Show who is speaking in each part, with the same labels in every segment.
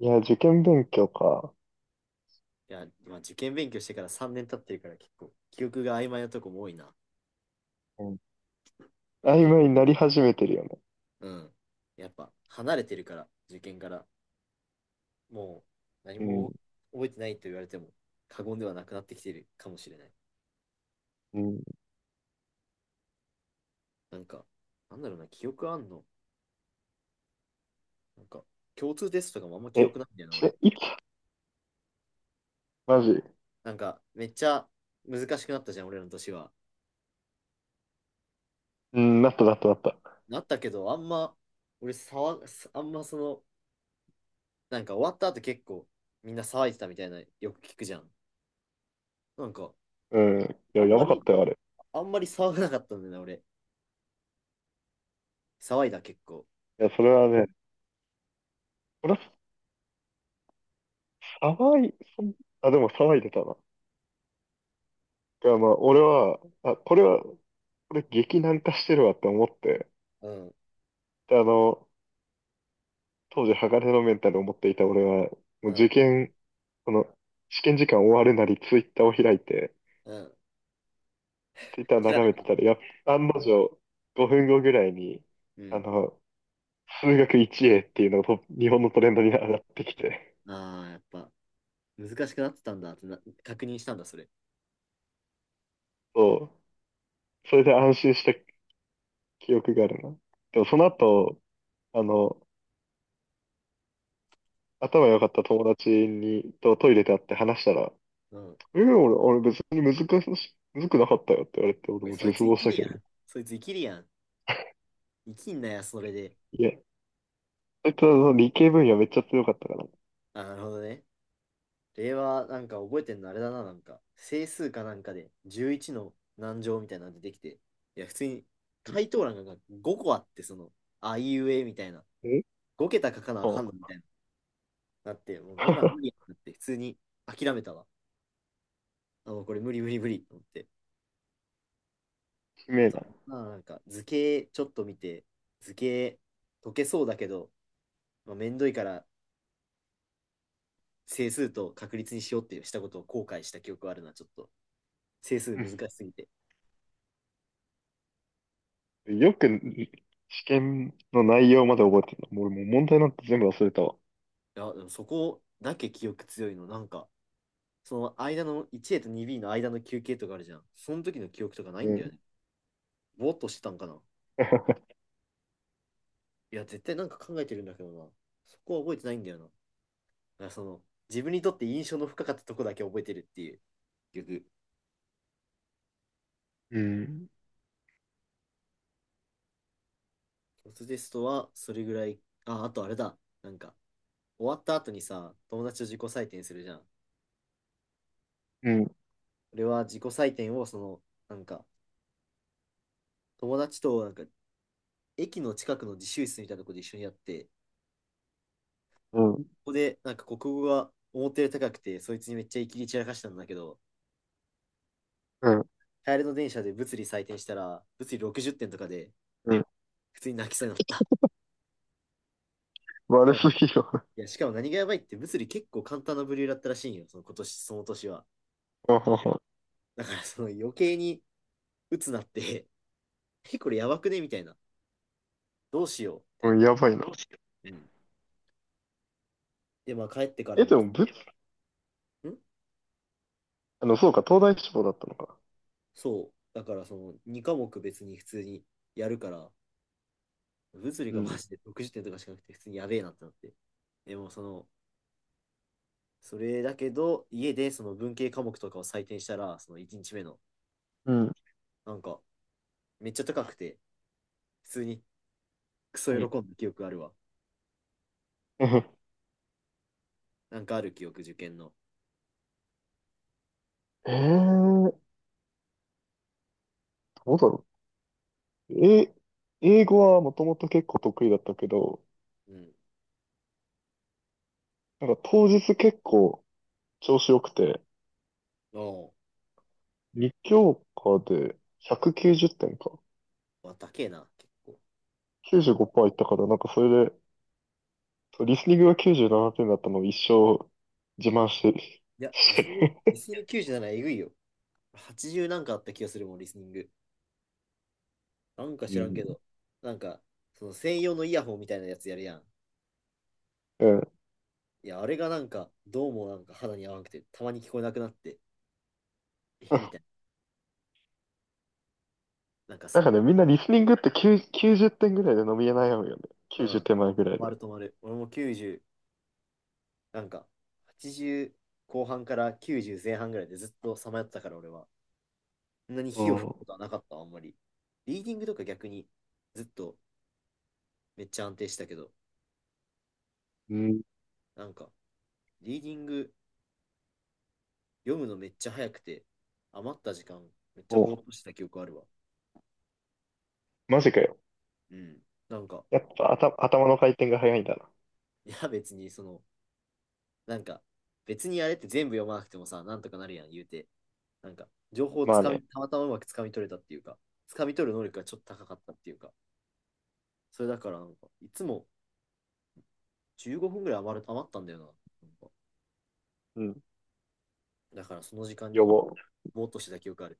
Speaker 1: いや、受験勉強か。
Speaker 2: いや、まあ、受験勉強してから3年経ってるから結構記憶が曖昧なとこも多いな。
Speaker 1: うん、曖
Speaker 2: どう
Speaker 1: 昧になり始めてるよね。
Speaker 2: うん。やっぱ離れてるから、受験から。もう何
Speaker 1: うん、
Speaker 2: も覚えてないと言われても過言ではなくなってきてるかもしれない。
Speaker 1: うん。
Speaker 2: なんか、なんだろうな、記憶あんのなんか、共通テストとかもあんま
Speaker 1: え、
Speaker 2: 記
Speaker 1: え
Speaker 2: 憶ないんだよな、俺。
Speaker 1: いつマジ。
Speaker 2: なんか、めっちゃ難しくなったじゃん、俺の年は。
Speaker 1: うん、なったなったなった。
Speaker 2: なったけど、あんま、俺騒が、あんまその、なんか終わった後結構みんな騒いでたみたいな、よく聞くじゃん。なんか、
Speaker 1: うん。い
Speaker 2: あ
Speaker 1: や、
Speaker 2: ん
Speaker 1: や
Speaker 2: ま
Speaker 1: ばかっ
Speaker 2: り
Speaker 1: たよ、あれ。
Speaker 2: あんまり騒がなかったんだよな、俺。騒いだ、結構。
Speaker 1: いや、それはね、これは騒い、そんあ、でも騒いでたな。いや、まあ、俺は、れ激難化してるわって思って、
Speaker 2: うん、
Speaker 1: で、当時、鋼のメンタルを持っていた俺は、
Speaker 2: う
Speaker 1: もう受
Speaker 2: ん、
Speaker 1: 験、この、試験時間終わるなり、ツイッターを開いて、
Speaker 2: うん。
Speaker 1: ツイッター
Speaker 2: 知らな
Speaker 1: 眺めて
Speaker 2: い。
Speaker 1: たら、やっ案の定、5分後ぐらいに、
Speaker 2: う
Speaker 1: あ
Speaker 2: ん。
Speaker 1: の、数学 1A っていうのが日本のトレンドに上がってきて、
Speaker 2: ああ、やっぱ、難しくなってたんだってな、確認したんだ、それ。
Speaker 1: そう、それで安心した記憶があるな。でもその後、あの、頭良かった友達に、トイレで会って話したら、
Speaker 2: うん。
Speaker 1: えー俺、俺別に難し、難くなかったよって言われて、
Speaker 2: お
Speaker 1: 俺
Speaker 2: い
Speaker 1: も
Speaker 2: そ
Speaker 1: 絶
Speaker 2: いつ生
Speaker 1: 望し
Speaker 2: き
Speaker 1: た
Speaker 2: る
Speaker 1: けど
Speaker 2: や
Speaker 1: ね。
Speaker 2: ん。そいつ生きるやん。生きんなや、それで。
Speaker 1: いや、そいつはその理系分野めっちゃ強かったから。
Speaker 2: あなるほどね。令和、なんか覚えてんのあれだな、なんか。整数かなんかで、11の何乗みたいなの出てきて。いや、普通に、
Speaker 1: うん
Speaker 2: 回答欄が5個あって、その、あいうえみたいな。
Speaker 1: え
Speaker 2: 5桁書かなあ
Speaker 1: あ、
Speaker 2: か
Speaker 1: う
Speaker 2: んのみたいな。なって、もうこんなん無理や んって、普通に諦めたわ。あ、もうこれ無理無理無理と思って。
Speaker 1: しめ
Speaker 2: あ
Speaker 1: え
Speaker 2: と、
Speaker 1: な。
Speaker 2: まあなんか図形ちょっと見て、図形解けそうだけど、まあ、めんどいから整数と確率にしようってしたことを後悔した記憶があるな、ちょっと。整数難 しすぎて。い
Speaker 1: よく試験の内容まで覚えてるの。俺もう問題なんて全部忘れたわ。
Speaker 2: や、でもそこだけ記憶強いの、なんか、その間の 1A と 2B の間の休憩とかあるじゃん。その時の記憶とかない
Speaker 1: う
Speaker 2: んだ
Speaker 1: ん。
Speaker 2: よね。ぼーっとしてたんかな。いや、絶対なんか考えてるんだけどな。そこは覚えてないんだよな。だからその、自分にとって印象の深かったとこだけ覚えてるっていう。結局
Speaker 1: うん。
Speaker 2: ロステストはそれぐらい。あ、あとあれだ。なんか、終わった後にさ、友達と自己採点するじゃん。
Speaker 1: うん。
Speaker 2: 俺は自己採点を、その、なんか、友達と、なんか、駅の近くの自習室みたいなとこで一緒にやって、こ
Speaker 1: うん。
Speaker 2: こで、なんか、国語が思ったより高くて、そいつにめっちゃイキリ散らかしたんだけど、
Speaker 1: うん。
Speaker 2: 帰りの電車で物理採点したら、物理60点とかで、
Speaker 1: うん、
Speaker 2: 普通に泣きそうになった。しか
Speaker 1: 悪
Speaker 2: も、
Speaker 1: す
Speaker 2: い
Speaker 1: ぎるわ。
Speaker 2: や、しかも何がやばいって、物理結構簡単な部類だったらしいんよ、その今年、その年は。
Speaker 1: あはは。
Speaker 2: だから、その余計に鬱なって、え、これやばくねみたいな。どうしようみた
Speaker 1: う
Speaker 2: い
Speaker 1: ん、
Speaker 2: な。
Speaker 1: やばいな。
Speaker 2: うん、で、まあ帰ってから
Speaker 1: え、
Speaker 2: も、
Speaker 1: で
Speaker 2: ん
Speaker 1: も、ぶ、あの、そうか、東大志望だったのか。
Speaker 2: そう。だからその2科目別に普通にやるから、物理
Speaker 1: う
Speaker 2: がマ
Speaker 1: ん。
Speaker 2: ジで60点とかしかなくて普通にやべえなってなって。でもその、それだけど、家でその文系科目とかを採点したら、その1日目の、
Speaker 1: うん。
Speaker 2: なんか、めっちゃ高くて、普通にクソ
Speaker 1: うん。
Speaker 2: 喜んだ記憶あるわ。なんかある記憶、受験の。
Speaker 1: えー、どうだろう。え、英語はもともと結構得意だったけど、
Speaker 2: うん。
Speaker 1: なんか当日結構調子良くて、
Speaker 2: お
Speaker 1: 2教科で190点か。
Speaker 2: う。わ、高えな、結構。
Speaker 1: 95%いったから、なんかそれでそうリスニングが97点だったのを一生自慢して、
Speaker 2: いや、
Speaker 1: し
Speaker 2: リ
Speaker 1: て
Speaker 2: スニング、リ
Speaker 1: る。
Speaker 2: スニング97えぐいよ。80なんかあった気がするもん、リスニング。なんか知らんけ
Speaker 1: う
Speaker 2: ど、なんか、その専用のイヤホンみたいなやつやるやん。
Speaker 1: ん。うん。
Speaker 2: いや、あれがなんか、どうもなんか肌に合わなくて、たまに聞こえなくなって、え、みたいな。なんか
Speaker 1: な
Speaker 2: さ、
Speaker 1: んかね、みんなリスニングって9、90点ぐらいで伸び悩むよね。
Speaker 2: う
Speaker 1: 90
Speaker 2: ん。止
Speaker 1: 点前ぐらい
Speaker 2: まる
Speaker 1: で。
Speaker 2: 止まる。俺も90、なんか、80後半から90前半ぐらいでずっとさまよってたから俺は。そんなに
Speaker 1: う
Speaker 2: 火を吹く
Speaker 1: ん。
Speaker 2: ことはなかった、あんまり。リーディングとか逆にずっとめっちゃ安定したけど、
Speaker 1: うん。
Speaker 2: なんか、リーディング読むのめっちゃ早くて、余った時間めっちゃぼー
Speaker 1: お、
Speaker 2: っとしてた記憶あるわ。
Speaker 1: マジかよ。
Speaker 2: うん。なんか、
Speaker 1: やっぱ頭の回転が早いんだな。
Speaker 2: いや、別に、その、なんか、別にあれって全部読まなくてもさ、なんとかなるやん、言うて。なんか、情報を
Speaker 1: ま
Speaker 2: つ
Speaker 1: あ
Speaker 2: か
Speaker 1: ね。
Speaker 2: み、たまたまうまくつかみ取れたっていうか、つかみ取る能力がちょっと高かったっていうか、それだから、なんか、いつも15分ぐらい余ったんだよな。なんか
Speaker 1: うん。
Speaker 2: だから、その時間
Speaker 1: 呼
Speaker 2: に
Speaker 1: ぼう。
Speaker 2: ぼーっとしてた記憶ある。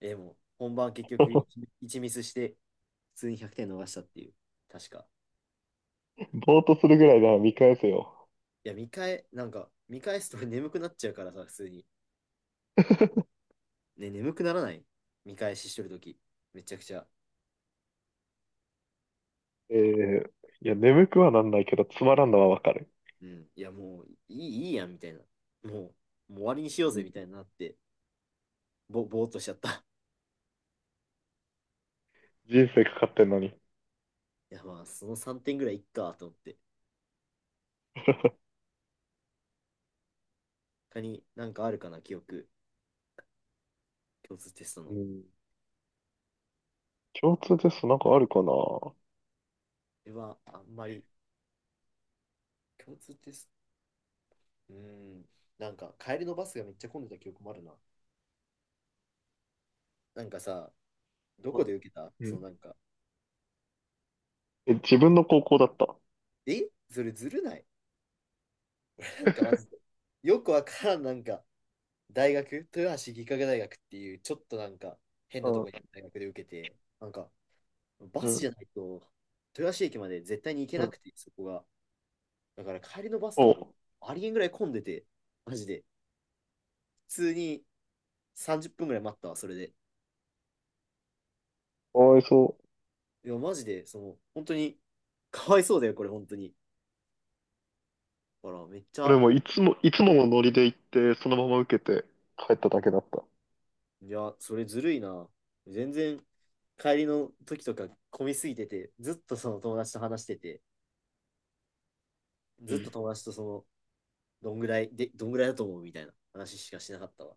Speaker 2: えーもう、本番結局1、一ミスして、普通に100点逃したっていう、確か。
Speaker 1: ぼーっとするぐらいなら見返せよ。
Speaker 2: いや、なんか、見返すと 俺眠くなっちゃうからさ、普通に。ね、眠くならない見返ししてるとき、めちゃくちゃ。
Speaker 1: えー、いや、眠くはなんないけど、つまらんのはわかる。
Speaker 2: うん、いやもういい、いいやんみたいな。ももう終わりにしよう
Speaker 1: う
Speaker 2: ぜみた
Speaker 1: ん、
Speaker 2: いになって、ぼーっとしちゃった。
Speaker 1: 人生かかってんのに。
Speaker 2: いやまあ、その3点ぐらいいっかと思って。他になんかあるかな、記憶、共通テストの。
Speaker 1: う
Speaker 2: こ
Speaker 1: ん。共通テストなんかあるかな。
Speaker 2: れはあんまり、共通テスト、うん、なんか帰りのバスがめっちゃ混んでた記憶もあるな。なんかさ、どこで
Speaker 1: う
Speaker 2: 受けたそ
Speaker 1: ん。
Speaker 2: のなんか、
Speaker 1: え、自分の高校だった。
Speaker 2: えそれずるない なんかマジで。よくわからん、なんか、大学、豊橋技科学大学っていう、ちょっとなんか、変なと
Speaker 1: う
Speaker 2: こにある
Speaker 1: ん。
Speaker 2: 大学で受けて、なんか、バ
Speaker 1: う
Speaker 2: スじ
Speaker 1: ん。
Speaker 2: ゃないと、豊橋駅まで絶対に行け
Speaker 1: う
Speaker 2: な
Speaker 1: ん。
Speaker 2: くて、そこが。だから帰りのバスと
Speaker 1: お
Speaker 2: か、
Speaker 1: う。
Speaker 2: ありえんぐらい混んでて、マジで。普通に30分ぐらい待ったわ、それで。
Speaker 1: かわいそう。
Speaker 2: いや、マジで、その、本当に、かわいそうだよ、これ、本当に。ほら、めっち
Speaker 1: 俺
Speaker 2: ゃ、
Speaker 1: もいつも、いつものノリで行って、そのまま受けて帰っただけだった。
Speaker 2: いや、それずるいな。全然、帰りの時とか混みすぎてて、ずっとその友達と話してて、ず
Speaker 1: う
Speaker 2: っ
Speaker 1: ん。
Speaker 2: と友達とその、どんぐらいで、どんぐらいだと思うみたいな話しかしなかったわ。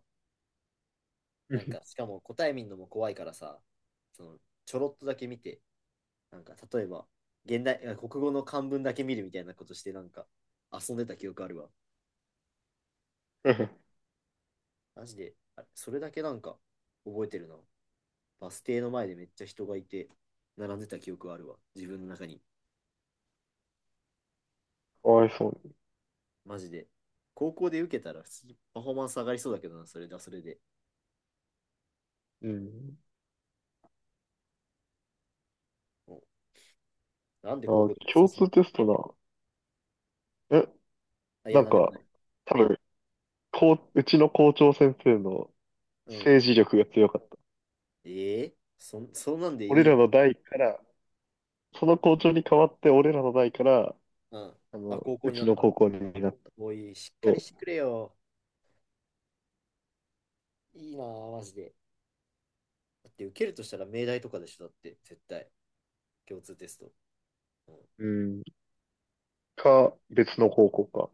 Speaker 2: なんか、しかも答え見るのも怖いからさ、その、ちょろっとだけ見て、なんか、例えば、あ国語の漢文だけ見るみたいなことして、なんか、遊んでた記憶あるわ。マジで、あれそれだけなんか、覚えてるな。バス停の前でめっちゃ人がいて、並んでた記憶はあるわ。自分の中に。
Speaker 1: かわいそう
Speaker 2: マジで。高校で受けたら、普通にパフォーマンス上がりそうだけどな、それで。
Speaker 1: に。うん。
Speaker 2: もうなんで高
Speaker 1: あ、
Speaker 2: 校で受けさ
Speaker 1: 共
Speaker 2: せる
Speaker 1: 通テストな。え、
Speaker 2: あ、いや、
Speaker 1: なん
Speaker 2: なんでもな
Speaker 1: か、
Speaker 2: い。
Speaker 1: 多分、こう、うちの校長先生の
Speaker 2: うん。
Speaker 1: 政治力が強かった。
Speaker 2: ええー、そんなんでい
Speaker 1: 俺
Speaker 2: い
Speaker 1: ら
Speaker 2: ん
Speaker 1: の代から、その校長に代わって、俺らの代から、
Speaker 2: うん。
Speaker 1: あの、
Speaker 2: あ、高校
Speaker 1: う
Speaker 2: に
Speaker 1: ち
Speaker 2: なっ
Speaker 1: の
Speaker 2: たん
Speaker 1: 高
Speaker 2: だ。
Speaker 1: 校になった
Speaker 2: もういい、しっかり
Speaker 1: と、
Speaker 2: してくれよ。いいなあ、マジで。だって受けるとしたら命題とかでしょ、だって、絶対。共通テスト。うん、
Speaker 1: うん、か、別の高校か。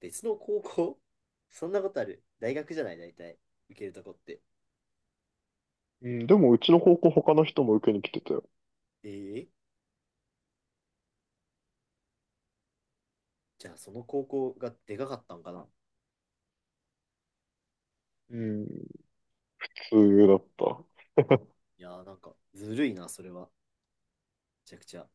Speaker 2: 別の高校 そんなことある。大学じゃない、大体。受けるとこって。
Speaker 1: うん、でもうちの高校他の人も受けに来てたよ。
Speaker 2: ええじゃあその高校がでかかったんかな。
Speaker 1: うん、普通だった。
Speaker 2: いやーなんか、ずるいな、それは。めちゃくちゃ。